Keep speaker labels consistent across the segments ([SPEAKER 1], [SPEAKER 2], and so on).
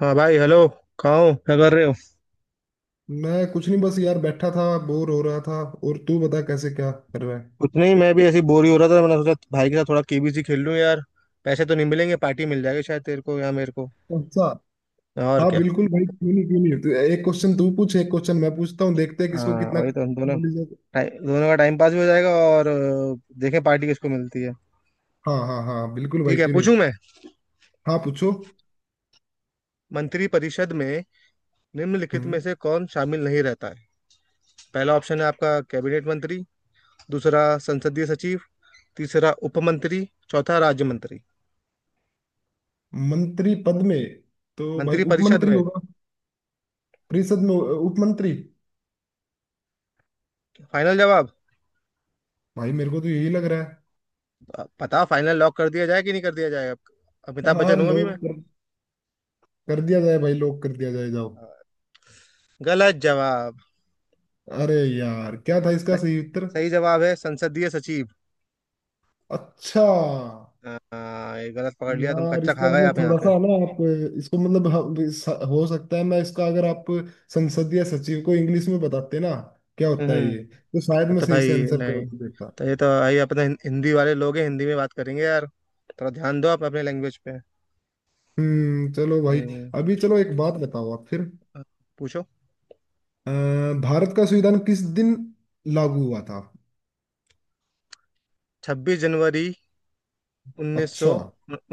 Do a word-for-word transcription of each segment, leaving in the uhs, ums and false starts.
[SPEAKER 1] हाँ भाई, हेलो। कहाँ हो, क्या कर रहे हो?
[SPEAKER 2] मैं कुछ नहीं, बस यार बैठा था, बोर हो रहा था। और तू बता, कैसे क्या कर रहा है?
[SPEAKER 1] कुछ नहीं, मैं भी ऐसी बोर ही हो रहा था। मैंने सोचा भाई के साथ थोड़ा के बी सी खेल लूँ यार। पैसे तो नहीं मिलेंगे, पार्टी मिल जाएगी शायद तेरे को या मेरे को।
[SPEAKER 2] अच्छा।
[SPEAKER 1] और
[SPEAKER 2] हाँ
[SPEAKER 1] क्या।
[SPEAKER 2] बिल्कुल भाई, क्यों नहीं क्यों नहीं। तो एक क्वेश्चन तू पूछ, एक क्वेश्चन मैं पूछता हूँ, देखते हैं किसको
[SPEAKER 1] हाँ,
[SPEAKER 2] कितना
[SPEAKER 1] और ये तो हम दोनों
[SPEAKER 2] नॉलेज है।
[SPEAKER 1] टाइ- दोनों का टाइम पास भी हो जाएगा, और अ, देखें पार्टी किसको मिलती है।
[SPEAKER 2] हाँ हाँ हाँ बिल्कुल भाई,
[SPEAKER 1] ठीक है,
[SPEAKER 2] क्यों नहीं।
[SPEAKER 1] पूछूं मैं।
[SPEAKER 2] हाँ पूछो।
[SPEAKER 1] मंत्री परिषद में निम्नलिखित में
[SPEAKER 2] हम्म।
[SPEAKER 1] से कौन शामिल नहीं रहता है? पहला ऑप्शन है आपका कैबिनेट मंत्री, दूसरा संसदीय सचिव, तीसरा उप मंत्री, चौथा राज्य मंत्री।
[SPEAKER 2] मंत्री पद में तो भाई
[SPEAKER 1] मंत्री परिषद
[SPEAKER 2] उपमंत्री
[SPEAKER 1] में।
[SPEAKER 2] होगा। परिषद में उपमंत्री।
[SPEAKER 1] फाइनल जवाब।
[SPEAKER 2] भाई मेरे को तो यही लग रहा है।
[SPEAKER 1] अब बताओ फाइनल लॉक कर दिया जाए कि नहीं कर दिया जाए? अब अमिताभ
[SPEAKER 2] हाँ
[SPEAKER 1] बच्चन हूँ अभी मैं।
[SPEAKER 2] लोग कर, कर दिया जाए भाई, लोग कर दिया जाए, जाओ।
[SPEAKER 1] अ, गलत जवाब।
[SPEAKER 2] अरे यार, क्या था इसका
[SPEAKER 1] स-
[SPEAKER 2] सही उत्तर?
[SPEAKER 1] सही जवाब है संसदीय सचिव।
[SPEAKER 2] अच्छा।
[SPEAKER 1] हाँ ये गलत पकड़ लिया, तुम
[SPEAKER 2] यार
[SPEAKER 1] कच्चा
[SPEAKER 2] इसका
[SPEAKER 1] खा गए आप
[SPEAKER 2] मतलब
[SPEAKER 1] यहाँ
[SPEAKER 2] थोड़ा
[SPEAKER 1] पे।
[SPEAKER 2] सा ना आप, इसको मतलब हम- स- हो सकता है मैं इसका, अगर आप संसदीय सचिव को इंग्लिश में बताते ना क्या होता है,
[SPEAKER 1] हम्म।
[SPEAKER 2] ये तो शायद
[SPEAKER 1] तब
[SPEAKER 2] मैं
[SPEAKER 1] तो
[SPEAKER 2] सही से
[SPEAKER 1] भाई
[SPEAKER 2] आंसर कर
[SPEAKER 1] नहीं।
[SPEAKER 2] देता।
[SPEAKER 1] तो ये तो भाई अपने हिं- हिंदी वाले लोग हैं, हिंदी में बात करेंगे यार। थोड़ा ध्यान दो आप अपने लैंग्वेज पे।
[SPEAKER 2] हम्म, चलो भाई।
[SPEAKER 1] हम्म,
[SPEAKER 2] अभी चलो एक बात बताओ आप फिर।
[SPEAKER 1] आप पूछो।
[SPEAKER 2] अ, भारत का संविधान किस दिन लागू हुआ था?
[SPEAKER 1] छब्बीस जनवरी उन्नीस सौ
[SPEAKER 2] अच्छा।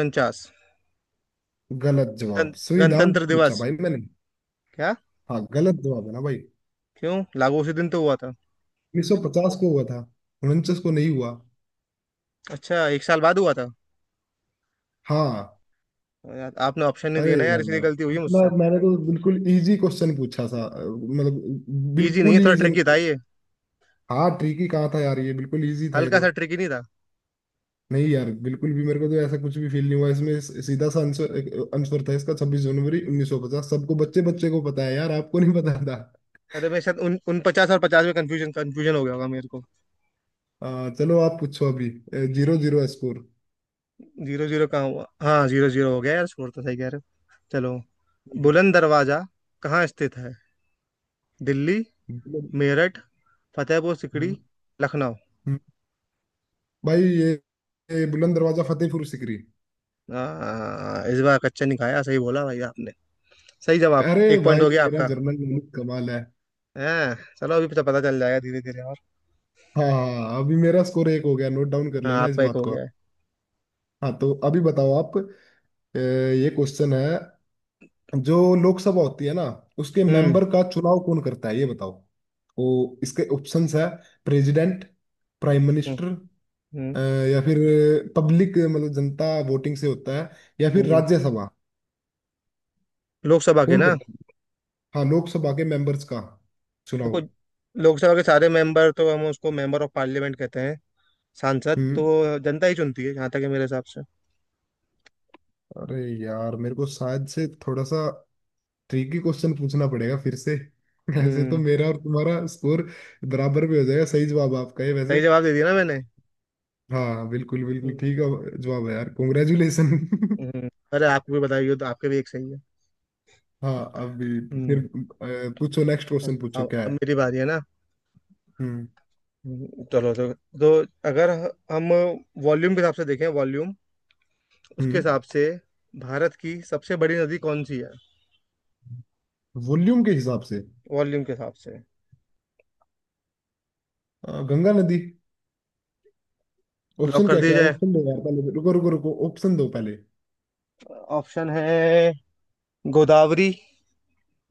[SPEAKER 1] उनचास
[SPEAKER 2] गलत जवाब, संविधान
[SPEAKER 1] गणतंत्र
[SPEAKER 2] पूछा
[SPEAKER 1] दिवस।
[SPEAKER 2] भाई मैंने।
[SPEAKER 1] क्या?
[SPEAKER 2] हाँ गलत जवाब है ना भाई।
[SPEAKER 1] क्यों, लागू उसी दिन तो हुआ था।
[SPEAKER 2] उन्नीस सौ पचास को हुआ था, उनचास को नहीं हुआ।
[SPEAKER 1] अच्छा, एक साल बाद हुआ था।
[SPEAKER 2] हाँ।
[SPEAKER 1] और यार, आपने ऑप्शन नहीं
[SPEAKER 2] अरे
[SPEAKER 1] दिया ना यार,
[SPEAKER 2] यार,
[SPEAKER 1] इसलिए गलती हुई है
[SPEAKER 2] इतना
[SPEAKER 1] मुझसे।
[SPEAKER 2] मैंने तो बिल्कुल इजी क्वेश्चन पूछा था। अ, मतलब
[SPEAKER 1] इजी नहीं
[SPEAKER 2] बिल्कुल
[SPEAKER 1] है,
[SPEAKER 2] ही
[SPEAKER 1] थोड़ा
[SPEAKER 2] easy-
[SPEAKER 1] ट्रिकी था ये।
[SPEAKER 2] हाँ ट्रिकी कहा था यार, ये बिल्कुल इजी था ये
[SPEAKER 1] हल्का
[SPEAKER 2] तो।
[SPEAKER 1] सा ट्रिकी नहीं था?
[SPEAKER 2] नहीं यार बिल्कुल भी मेरे को तो ऐसा कुछ भी फील नहीं हुआ इसमें। स- सीधा सा आंसर आंसर था इसका, छब्बीस जनवरी उन्नीस सौ पचास, सबको बच्चे बच्चे को पता है यार, आपको नहीं पता था?
[SPEAKER 1] अरे, मैं शायद उन, उन पचास और पचास में कंफ्यूजन कंफ्यूजन हो गया होगा मेरे को।
[SPEAKER 2] अ, चलो आप पूछो अभी। Zero zero score.
[SPEAKER 1] Zero zero कहाँ हुआ? हाँ जीरो जीरो हो गया यार, स्कोर तो सही कह रहे हो। चलो। बुलंद दरवाजा कहाँ स्थित है? दिल्ली, मेरठ, फतेहपुर सिकड़ी, लखनऊ।
[SPEAKER 2] भाई ये, ये बुलंद दरवाजा फतेहपुर सिकरी।
[SPEAKER 1] आ, इस बार कच्चा नहीं खाया, सही बोला भाई आपने। सही जवाब।
[SPEAKER 2] अरे
[SPEAKER 1] एक पॉइंट
[SPEAKER 2] भाई,
[SPEAKER 1] हो गया
[SPEAKER 2] मेरा
[SPEAKER 1] आपका।
[SPEAKER 2] जर्नल नॉलेज कमाल है।
[SPEAKER 1] हाँ चलो, अभी तो पता चल जाएगा धीरे धीरे और।
[SPEAKER 2] हाँ अभी मेरा स्कोर एक हो गया, नोट डाउन कर
[SPEAKER 1] हाँ,
[SPEAKER 2] लेना इस
[SPEAKER 1] आपका एक
[SPEAKER 2] बात
[SPEAKER 1] हो
[SPEAKER 2] को
[SPEAKER 1] गया
[SPEAKER 2] आप।
[SPEAKER 1] है।
[SPEAKER 2] हाँ तो अभी बताओ आप। अ, ये क्वेश्चन है, जो लोकसभा होती है ना, उसके
[SPEAKER 1] हम्म।
[SPEAKER 2] मेंबर का चुनाव कौन करता है, ये बताओ। तो इसके ऑप्शंस है, president, prime
[SPEAKER 1] hmm.
[SPEAKER 2] Minister,
[SPEAKER 1] hmm.
[SPEAKER 2] Uh, या फिर पब्लिक मतलब जनता वोटिंग से होता है, या फिर
[SPEAKER 1] हम्म।
[SPEAKER 2] राज्यसभा।
[SPEAKER 1] लोकसभा के
[SPEAKER 2] कौन
[SPEAKER 1] ना।
[SPEAKER 2] करता है? हाँ लोकसभा के मेंबर्स का चुनाव।
[SPEAKER 1] देखो, लोकसभा के सारे मेंबर तो हम उसको मेंबर ऑफ पार्लियामेंट कहते हैं। सांसद
[SPEAKER 2] हम्म।
[SPEAKER 1] तो जनता ही चुनती है, जहाँ तक है मेरे हिसाब से।
[SPEAKER 2] अरे यार मेरे को शायद से थोड़ा सा ट्रिकी क्वेश्चन पूछना पड़ेगा फिर से। ऐसे तो
[SPEAKER 1] हम्म।
[SPEAKER 2] मेरा और तुम्हारा स्कोर बराबर भी हो जाएगा। सही जवाब आपका है
[SPEAKER 1] सही
[SPEAKER 2] वैसे।
[SPEAKER 1] जवाब दे दिया ना मैंने?
[SPEAKER 2] हाँ बिल्कुल बिल्कुल
[SPEAKER 1] हम्म,
[SPEAKER 2] ठीक है जवाब, है यार कॉन्ग्रेचुलेशन।
[SPEAKER 1] हम्म, अरे आपको भी बताइए, तो आपके भी एक सही है।
[SPEAKER 2] हाँ अभी फिर,
[SPEAKER 1] हम्म।
[SPEAKER 2] अ, पूछो नेक्स्ट क्वेश्चन
[SPEAKER 1] अब
[SPEAKER 2] पूछो
[SPEAKER 1] अब
[SPEAKER 2] क्या
[SPEAKER 1] अब
[SPEAKER 2] है।
[SPEAKER 1] मेरी बारी है ना।
[SPEAKER 2] हम्म
[SPEAKER 1] हम्म, चलो, तो तो अगर ह- हम वॉल्यूम के हिसाब से देखें, वॉल्यूम उसके
[SPEAKER 2] हम्म।
[SPEAKER 1] हिसाब से भारत की सबसे बड़ी नदी कौन सी है?
[SPEAKER 2] वॉल्यूम के हिसाब से
[SPEAKER 1] वॉल्यूम के हिसाब से।
[SPEAKER 2] अ, गंगा नदी।
[SPEAKER 1] लॉक
[SPEAKER 2] ऑप्शन
[SPEAKER 1] कर
[SPEAKER 2] क्या
[SPEAKER 1] दिया
[SPEAKER 2] क्या है?
[SPEAKER 1] जाए।
[SPEAKER 2] ऑप्शन दो यार पहले, रुको रुको रुको, ऑप्शन दो पहले।
[SPEAKER 1] ऑप्शन है गोदावरी,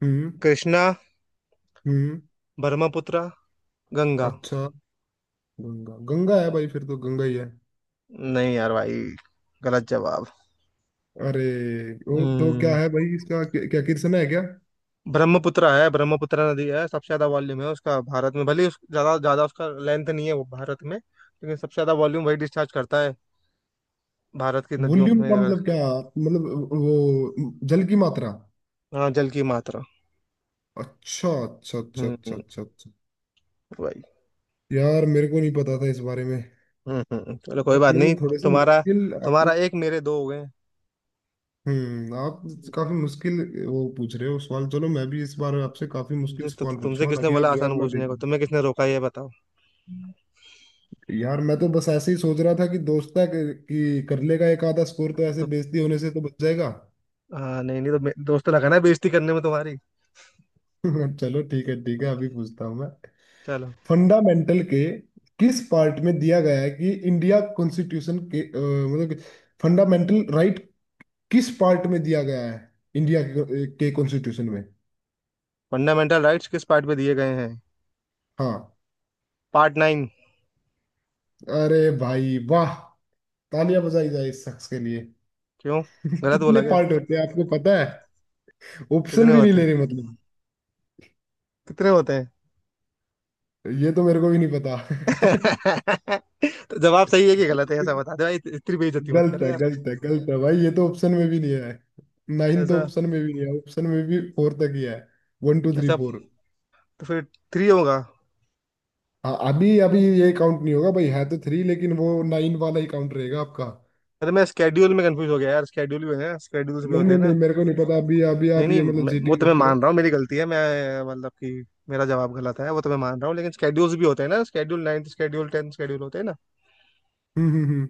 [SPEAKER 2] हम्म
[SPEAKER 1] कृष्णा,
[SPEAKER 2] हम्म।
[SPEAKER 1] ब्रह्मपुत्र, गंगा।
[SPEAKER 2] अच्छा गंगा, गंगा है भाई, फिर तो गंगा ही है।
[SPEAKER 1] नहीं यार भाई, गलत जवाब।
[SPEAKER 2] अरे, और तो क्या
[SPEAKER 1] हम्म,
[SPEAKER 2] है भाई इसका, क्या क्या कृष्ण है क्या?
[SPEAKER 1] ब्रह्मपुत्रा है। ब्रह्मपुत्रा नदी है, सबसे ज्यादा वॉल्यूम है उसका भारत में, भले ही उस, ज्यादा ज्यादा उसका लेंथ नहीं है वो भारत में, लेकिन सबसे ज्यादा वॉल्यूम वही डिस्चार्ज करता है भारत की नदियों
[SPEAKER 2] वॉल्यूम
[SPEAKER 1] में
[SPEAKER 2] का
[SPEAKER 1] अगर।
[SPEAKER 2] मतलब क्या, मतलब वो जल की मात्रा?
[SPEAKER 1] हाँ, जल की मात्रा।
[SPEAKER 2] अच्छा अच्छा अच्छा
[SPEAKER 1] हम्म
[SPEAKER 2] अच्छा
[SPEAKER 1] हम्म,
[SPEAKER 2] अच्छा अच्छा।
[SPEAKER 1] वही।
[SPEAKER 2] यार मेरे को नहीं पता था इस बारे में।
[SPEAKER 1] हम्म हम्म, चलो कोई
[SPEAKER 2] आप
[SPEAKER 1] बात नहीं।
[SPEAKER 2] मतलब थोड़े से
[SPEAKER 1] तुम्हारा,
[SPEAKER 2] मुश्किल आप।
[SPEAKER 1] तुम्हारा एक, मेरे दो हो गए।
[SPEAKER 2] हम्म, आप काफी मुश्किल वो पूछ रहे हो सवाल, चलो मैं भी इस बार
[SPEAKER 1] तो
[SPEAKER 2] आपसे काफी मुश्किल
[SPEAKER 1] तुमसे, तो,
[SPEAKER 2] सवाल
[SPEAKER 1] तो तुमसे
[SPEAKER 2] पूछूंगा,
[SPEAKER 1] किसने
[SPEAKER 2] ताकि आप
[SPEAKER 1] बोला
[SPEAKER 2] जवाब
[SPEAKER 1] आसान
[SPEAKER 2] ना दे
[SPEAKER 1] पूछने को, तुम्हें किसने रोका ये बताओ?
[SPEAKER 2] पाओ। यार मैं तो बस ऐसे ही सोच रहा था कि दोस्त है कि कि कर लेगा एक आधा स्कोर, तो ऐसे
[SPEAKER 1] तो
[SPEAKER 2] बेइज्जती होने से तो बच जाएगा।
[SPEAKER 1] हाँ, नहीं नहीं, तो मे- दोस्त लगा ना बेइज्जती करने में तुम्हारी।
[SPEAKER 2] चलो ठीक है ठीक है, अभी पूछता हूँ मैं।
[SPEAKER 1] चलो।
[SPEAKER 2] फंडामेंटल के किस पार्ट में दिया गया है कि इंडिया कॉन्स्टिट्यूशन के अ, मतलब फंडामेंटल राइट किस पार्ट में दिया गया है, इंडिया के के कॉन्स्टिट्यूशन में?
[SPEAKER 1] फंडामेंटल राइट्स किस पार्ट पे दिए गए हैं?
[SPEAKER 2] हाँ।
[SPEAKER 1] Part nine.
[SPEAKER 2] अरे भाई वाह, तालियां बजाई जाए इस शख्स के लिए।
[SPEAKER 1] क्यों, गलत
[SPEAKER 2] कितने
[SPEAKER 1] बोला क्या?
[SPEAKER 2] पार्ट होते हैं आपको पता है? ऑप्शन
[SPEAKER 1] कितने
[SPEAKER 2] भी नहीं
[SPEAKER 1] होते
[SPEAKER 2] ले रहे
[SPEAKER 1] हैं?
[SPEAKER 2] मतलब।
[SPEAKER 1] कितने होते हैं?
[SPEAKER 2] ये तो मेरे को भी नहीं पता।
[SPEAKER 1] तो जवाब सही है कि गलत है ऐसा बता दे भाई, इतनी बेइज्जती मत कर
[SPEAKER 2] गलत है
[SPEAKER 1] यार।
[SPEAKER 2] गलत है गलत है भाई, ये तो ऑप्शन में भी नहीं है। नाइन तो
[SPEAKER 1] ऐसा?
[SPEAKER 2] ऑप्शन में भी नहीं है, ऑप्शन में भी फोर तक ही है। वन टू थ्री
[SPEAKER 1] ऐसा?
[SPEAKER 2] फोर।
[SPEAKER 1] तो फिर थ्री होगा।
[SPEAKER 2] हाँ अभी अभी ये काउंट नहीं होगा भाई, है तो थ्री, लेकिन वो नाइन वाला ही काउंट रहेगा आपका।
[SPEAKER 1] अरे मैं स्केड्यूल में कंफ्यूज हो गया यार, स्केड्यूल भी है, स्केड्यूल्स भी
[SPEAKER 2] नहीं
[SPEAKER 1] होते हैं
[SPEAKER 2] नहीं
[SPEAKER 1] ना।
[SPEAKER 2] नहीं, मेरे को नहीं पता अभी अभी,
[SPEAKER 1] नहीं
[SPEAKER 2] आप
[SPEAKER 1] नहीं,
[SPEAKER 2] ये मतलब
[SPEAKER 1] मैं- वो
[SPEAKER 2] चीटिंग
[SPEAKER 1] तो मैं
[SPEAKER 2] मत
[SPEAKER 1] मान
[SPEAKER 2] करो।
[SPEAKER 1] रहा हूँ मेरी गलती है, मैं मतलब कि मेरा जवाब गलत है वो तो मैं मान रहा हूँ, लेकिन स्केड्यूल्स भी होते हैं ना, schedule ninth schedule tenth schedule होते हैं ना।
[SPEAKER 2] हम्म हम्म हम्म।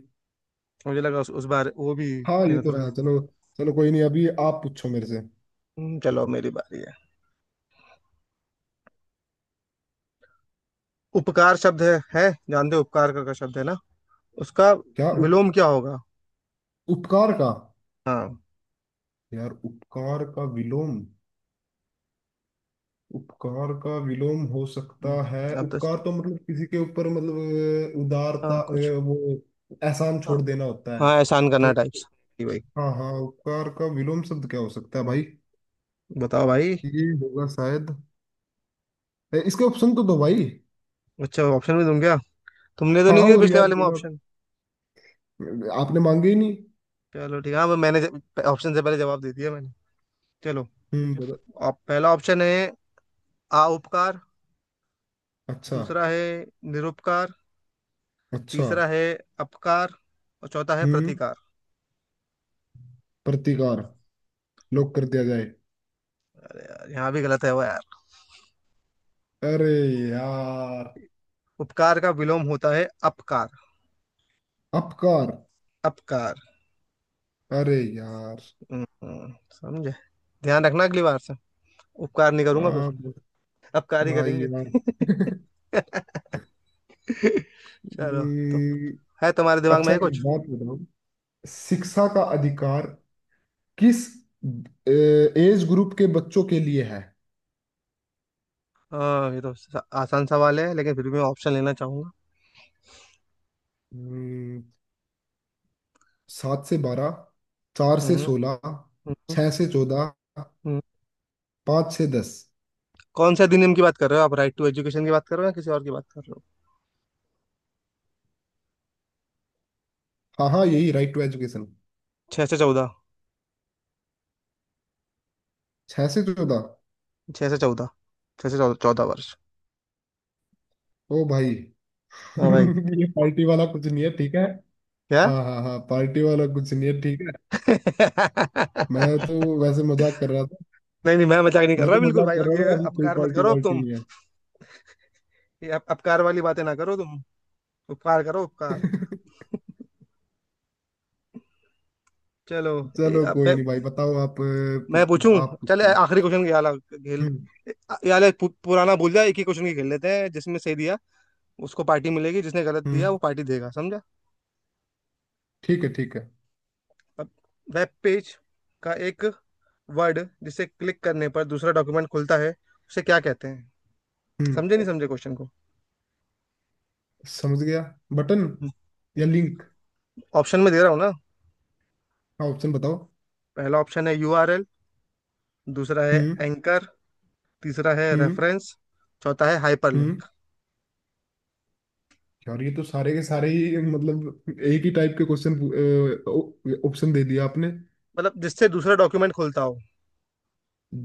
[SPEAKER 1] मुझे लगा उस, उस बार वो भी
[SPEAKER 2] हाँ ये
[SPEAKER 1] मैंने
[SPEAKER 2] तो
[SPEAKER 1] थोड़ा।
[SPEAKER 2] है, चलो। चलो कोई नहीं, अभी आप पूछो मेरे से।
[SPEAKER 1] हम्म, चलो, मेरी बारी है। उपकार शब्द है है जानते हो उपकार का, का शब्द है ना, उसका
[SPEAKER 2] क्या उप,
[SPEAKER 1] विलोम क्या होगा?
[SPEAKER 2] उपकार का?
[SPEAKER 1] हाँ।
[SPEAKER 2] यार उपकार का विलोम, उपकार का विलोम हो सकता है,
[SPEAKER 1] हम्म, अब तो।
[SPEAKER 2] उपकार तो मतलब किसी के ऊपर मतलब अ,
[SPEAKER 1] हाँ,
[SPEAKER 2] उदारता,
[SPEAKER 1] कुछ।
[SPEAKER 2] अ, वो एहसान
[SPEAKER 1] हाँ,
[SPEAKER 2] छोड़ देना होता है।
[SPEAKER 1] हाँ, एहसान करना
[SPEAKER 2] तो
[SPEAKER 1] टाइप्स। भाई,
[SPEAKER 2] हाँ हाँ, उपकार का विलोम शब्द क्या हो सकता है भाई?
[SPEAKER 1] बताओ भाई।
[SPEAKER 2] ये होगा शायद, इसके ऑप्शन तो दो भाई।
[SPEAKER 1] अच्छा, ऑप्शन भी दूं क्या? तुमने तो
[SPEAKER 2] हाँ
[SPEAKER 1] नहीं दिया
[SPEAKER 2] और
[SPEAKER 1] पिछले
[SPEAKER 2] यार
[SPEAKER 1] वाले में
[SPEAKER 2] बिना
[SPEAKER 1] ऑप्शन।
[SPEAKER 2] आपने मांगे ही नहीं।
[SPEAKER 1] चलो, ठीक है। हाँ, वो मैंने ऑप्शन से पहले जवाब दे दिया मैंने। चलो।
[SPEAKER 2] हम्म बता-
[SPEAKER 1] आप, पहला ऑप्शन है आ उपकार,
[SPEAKER 2] अच्छा
[SPEAKER 1] दूसरा है निरुपकार,
[SPEAKER 2] अच्छा।
[SPEAKER 1] तीसरा है अपकार, और चौथा है
[SPEAKER 2] हम्म,
[SPEAKER 1] प्रतिकार।
[SPEAKER 2] प्रतिकार, लॉक कर दिया जाए।
[SPEAKER 1] अरे यार, यहाँ भी गलत है वो यार।
[SPEAKER 2] अरे यार,
[SPEAKER 1] उपकार का विलोम होता है अपकार।
[SPEAKER 2] अपकार?
[SPEAKER 1] अपकार।
[SPEAKER 2] अरे यार
[SPEAKER 1] हम्म, हम्म, समझे? ध्यान रखना अगली बार से। उपकार नहीं करूंगा फिर।
[SPEAKER 2] आप
[SPEAKER 1] अब कार्य
[SPEAKER 2] भाई
[SPEAKER 1] करेंगे।
[SPEAKER 2] यार।
[SPEAKER 1] चलो। तो
[SPEAKER 2] हम्म,
[SPEAKER 1] है, तुम्हारे दिमाग में
[SPEAKER 2] अच्छा
[SPEAKER 1] है
[SPEAKER 2] एक
[SPEAKER 1] कुछ?
[SPEAKER 2] बात बताओ, शिक्षा का अधिकार किस एज ग्रुप के बच्चों के लिए है?
[SPEAKER 1] हाँ, ये तो स- आसान सवाल है, लेकिन फिर भी मैं ऑप्शन लेना चाहूंगा।
[SPEAKER 2] हम्म, सात से बारह, चार से
[SPEAKER 1] हम्म।
[SPEAKER 2] सोलह,
[SPEAKER 1] हम्म,
[SPEAKER 2] छह से चौदह,
[SPEAKER 1] हम्म।
[SPEAKER 2] पाँच से दस।
[SPEAKER 1] कौन से अधिनियम की बात कर रहे हो आप, राइट टू एजुकेशन की बात कर रहे हो या किसी और की बात कर रहे हो?
[SPEAKER 2] हाँ हाँ, यही राइट टू एजुकेशन।
[SPEAKER 1] छह से चौदह।
[SPEAKER 2] छह से चौदह।
[SPEAKER 1] छह से चौदह। छह से चौदह, चौदह वर्ष।
[SPEAKER 2] ओ भाई।
[SPEAKER 1] हाँ भाई।
[SPEAKER 2] ये पार्टी वाला कुछ नहीं है ठीक है?
[SPEAKER 1] क्या?
[SPEAKER 2] हाँ हाँ हाँ, पार्टी वाला कुछ नहीं है ठीक है,
[SPEAKER 1] नहीं,
[SPEAKER 2] मैं तो वैसे मजाक कर रहा था।
[SPEAKER 1] नहीं मैं मजाक नहीं कर
[SPEAKER 2] मैं
[SPEAKER 1] रहा
[SPEAKER 2] तो
[SPEAKER 1] बिल्कुल
[SPEAKER 2] मजाक
[SPEAKER 1] भाई,
[SPEAKER 2] कर रहा
[SPEAKER 1] ये
[SPEAKER 2] था, अभी कोई
[SPEAKER 1] अपकार मत
[SPEAKER 2] पार्टी
[SPEAKER 1] करो अब
[SPEAKER 2] वार्टी
[SPEAKER 1] तुम।
[SPEAKER 2] नहीं है।
[SPEAKER 1] ये अप, अपकार वाली बातें ना करो तुम। उपकार करो, उपकार। चलो। ए,
[SPEAKER 2] चलो
[SPEAKER 1] अब मैं
[SPEAKER 2] कोई नहीं भाई, बताओ आप, अ,
[SPEAKER 1] मैं
[SPEAKER 2] पूछो
[SPEAKER 1] पूछूं।
[SPEAKER 2] आप,
[SPEAKER 1] चल, ए-
[SPEAKER 2] पूछो आप,
[SPEAKER 1] आखिरी
[SPEAKER 2] पूछो।
[SPEAKER 1] क्वेश्चन खेला खेल।
[SPEAKER 2] हम्म
[SPEAKER 1] यार, पु, पुराना भूल जा, एक ही क्वेश्चन की खेल लेते हैं, जिसमें सही दिया उसको पार्टी मिलेगी, जिसने गलत दिया वो
[SPEAKER 2] हम्म।
[SPEAKER 1] पार्टी देगा, समझा?
[SPEAKER 2] ठीक है ठीक है।
[SPEAKER 1] अब, वेब पेज का एक वर्ड जिसे क्लिक करने पर दूसरा डॉक्यूमेंट खुलता है उसे क्या कहते हैं?
[SPEAKER 2] हम्म,
[SPEAKER 1] समझे, नहीं समझे क्वेश्चन को?
[SPEAKER 2] समझ गया। बटन या लिंक?
[SPEAKER 1] ऑप्शन में दे रहा हूँ ना।
[SPEAKER 2] हाँ ऑप्शन बताओ।
[SPEAKER 1] पहला ऑप्शन है यू आर एल, दूसरा है
[SPEAKER 2] हम्म
[SPEAKER 1] एंकर, तीसरा है
[SPEAKER 2] हम्म
[SPEAKER 1] रेफरेंस, चौथा है
[SPEAKER 2] हम्म।
[SPEAKER 1] हाइपरलिंक।
[SPEAKER 2] यार ये तो सारे के सारे ही मतलब एक ही टाइप के क्वेश्चन ऑप्शन दे दिया आपने।
[SPEAKER 1] मतलब जिससे दूसरा डॉक्यूमेंट खुलता हो।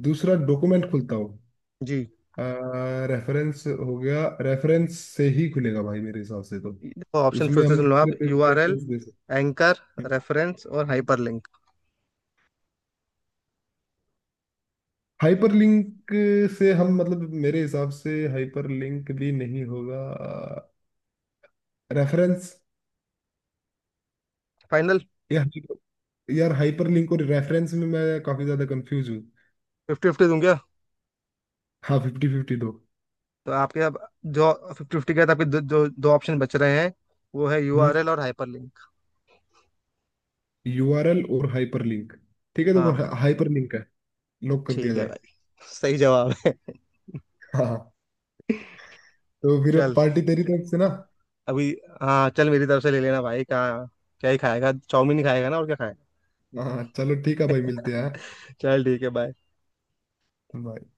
[SPEAKER 2] दूसरा डॉक्यूमेंट खुलता हो?
[SPEAKER 1] जी।
[SPEAKER 2] रेफरेंस हो गया, रेफरेंस से ही खुलेगा भाई मेरे हिसाब से तो,
[SPEAKER 1] देखो, ऑप्शन फिर
[SPEAKER 2] उसमें
[SPEAKER 1] से
[SPEAKER 2] हम
[SPEAKER 1] सुन लो आप।
[SPEAKER 2] दूसरे पेज की
[SPEAKER 1] यू आर एल,
[SPEAKER 2] रेफरेंस दे सकते
[SPEAKER 1] एंकर,
[SPEAKER 2] हैं।
[SPEAKER 1] रेफरेंस और हाइपरलिंक।
[SPEAKER 2] हाइपर लिंक से हम मतलब, मेरे हिसाब से हाइपर लिंक भी नहीं होगा, रेफरेंस।
[SPEAKER 1] फाइनल।
[SPEAKER 2] यार यार हाइपर लिंक और रेफरेंस में मैं काफी ज्यादा कंफ्यूज हूँ।
[SPEAKER 1] फिफ्टी फिफ्टी दूं क्या?
[SPEAKER 2] हाँ फिफ्टी फिफ्टी दो।
[SPEAKER 1] तो आपके अब जो फिफ्टी फिफ्टी के बाद आपके दो, जो दो ऑप्शन बच रहे हैं, वो है
[SPEAKER 2] हम्म।
[SPEAKER 1] यू आर एल और हाइपरलिंक।
[SPEAKER 2] यूआरएल और हाइपरलिंक, ठीक है तो
[SPEAKER 1] हाँ।
[SPEAKER 2] हाइपरलिंक है, लॉक कर दिया
[SPEAKER 1] ठीक है
[SPEAKER 2] जाए।
[SPEAKER 1] भाई, सही जवाब है।
[SPEAKER 2] हाँ तो फिर अब
[SPEAKER 1] चल,
[SPEAKER 2] पार्टी तेरी तरफ से ना?
[SPEAKER 1] अभी। हाँ चल, मेरी तरफ से ले लेना भाई। कहाँ, क्या ही खाएगा, चाउमीन ही खाएगा ना, और क्या खाएगा?
[SPEAKER 2] हाँ चलो ठीक है भाई, मिलते हैं, हाँ।
[SPEAKER 1] चल ठीक है, बाय।
[SPEAKER 2] Bye.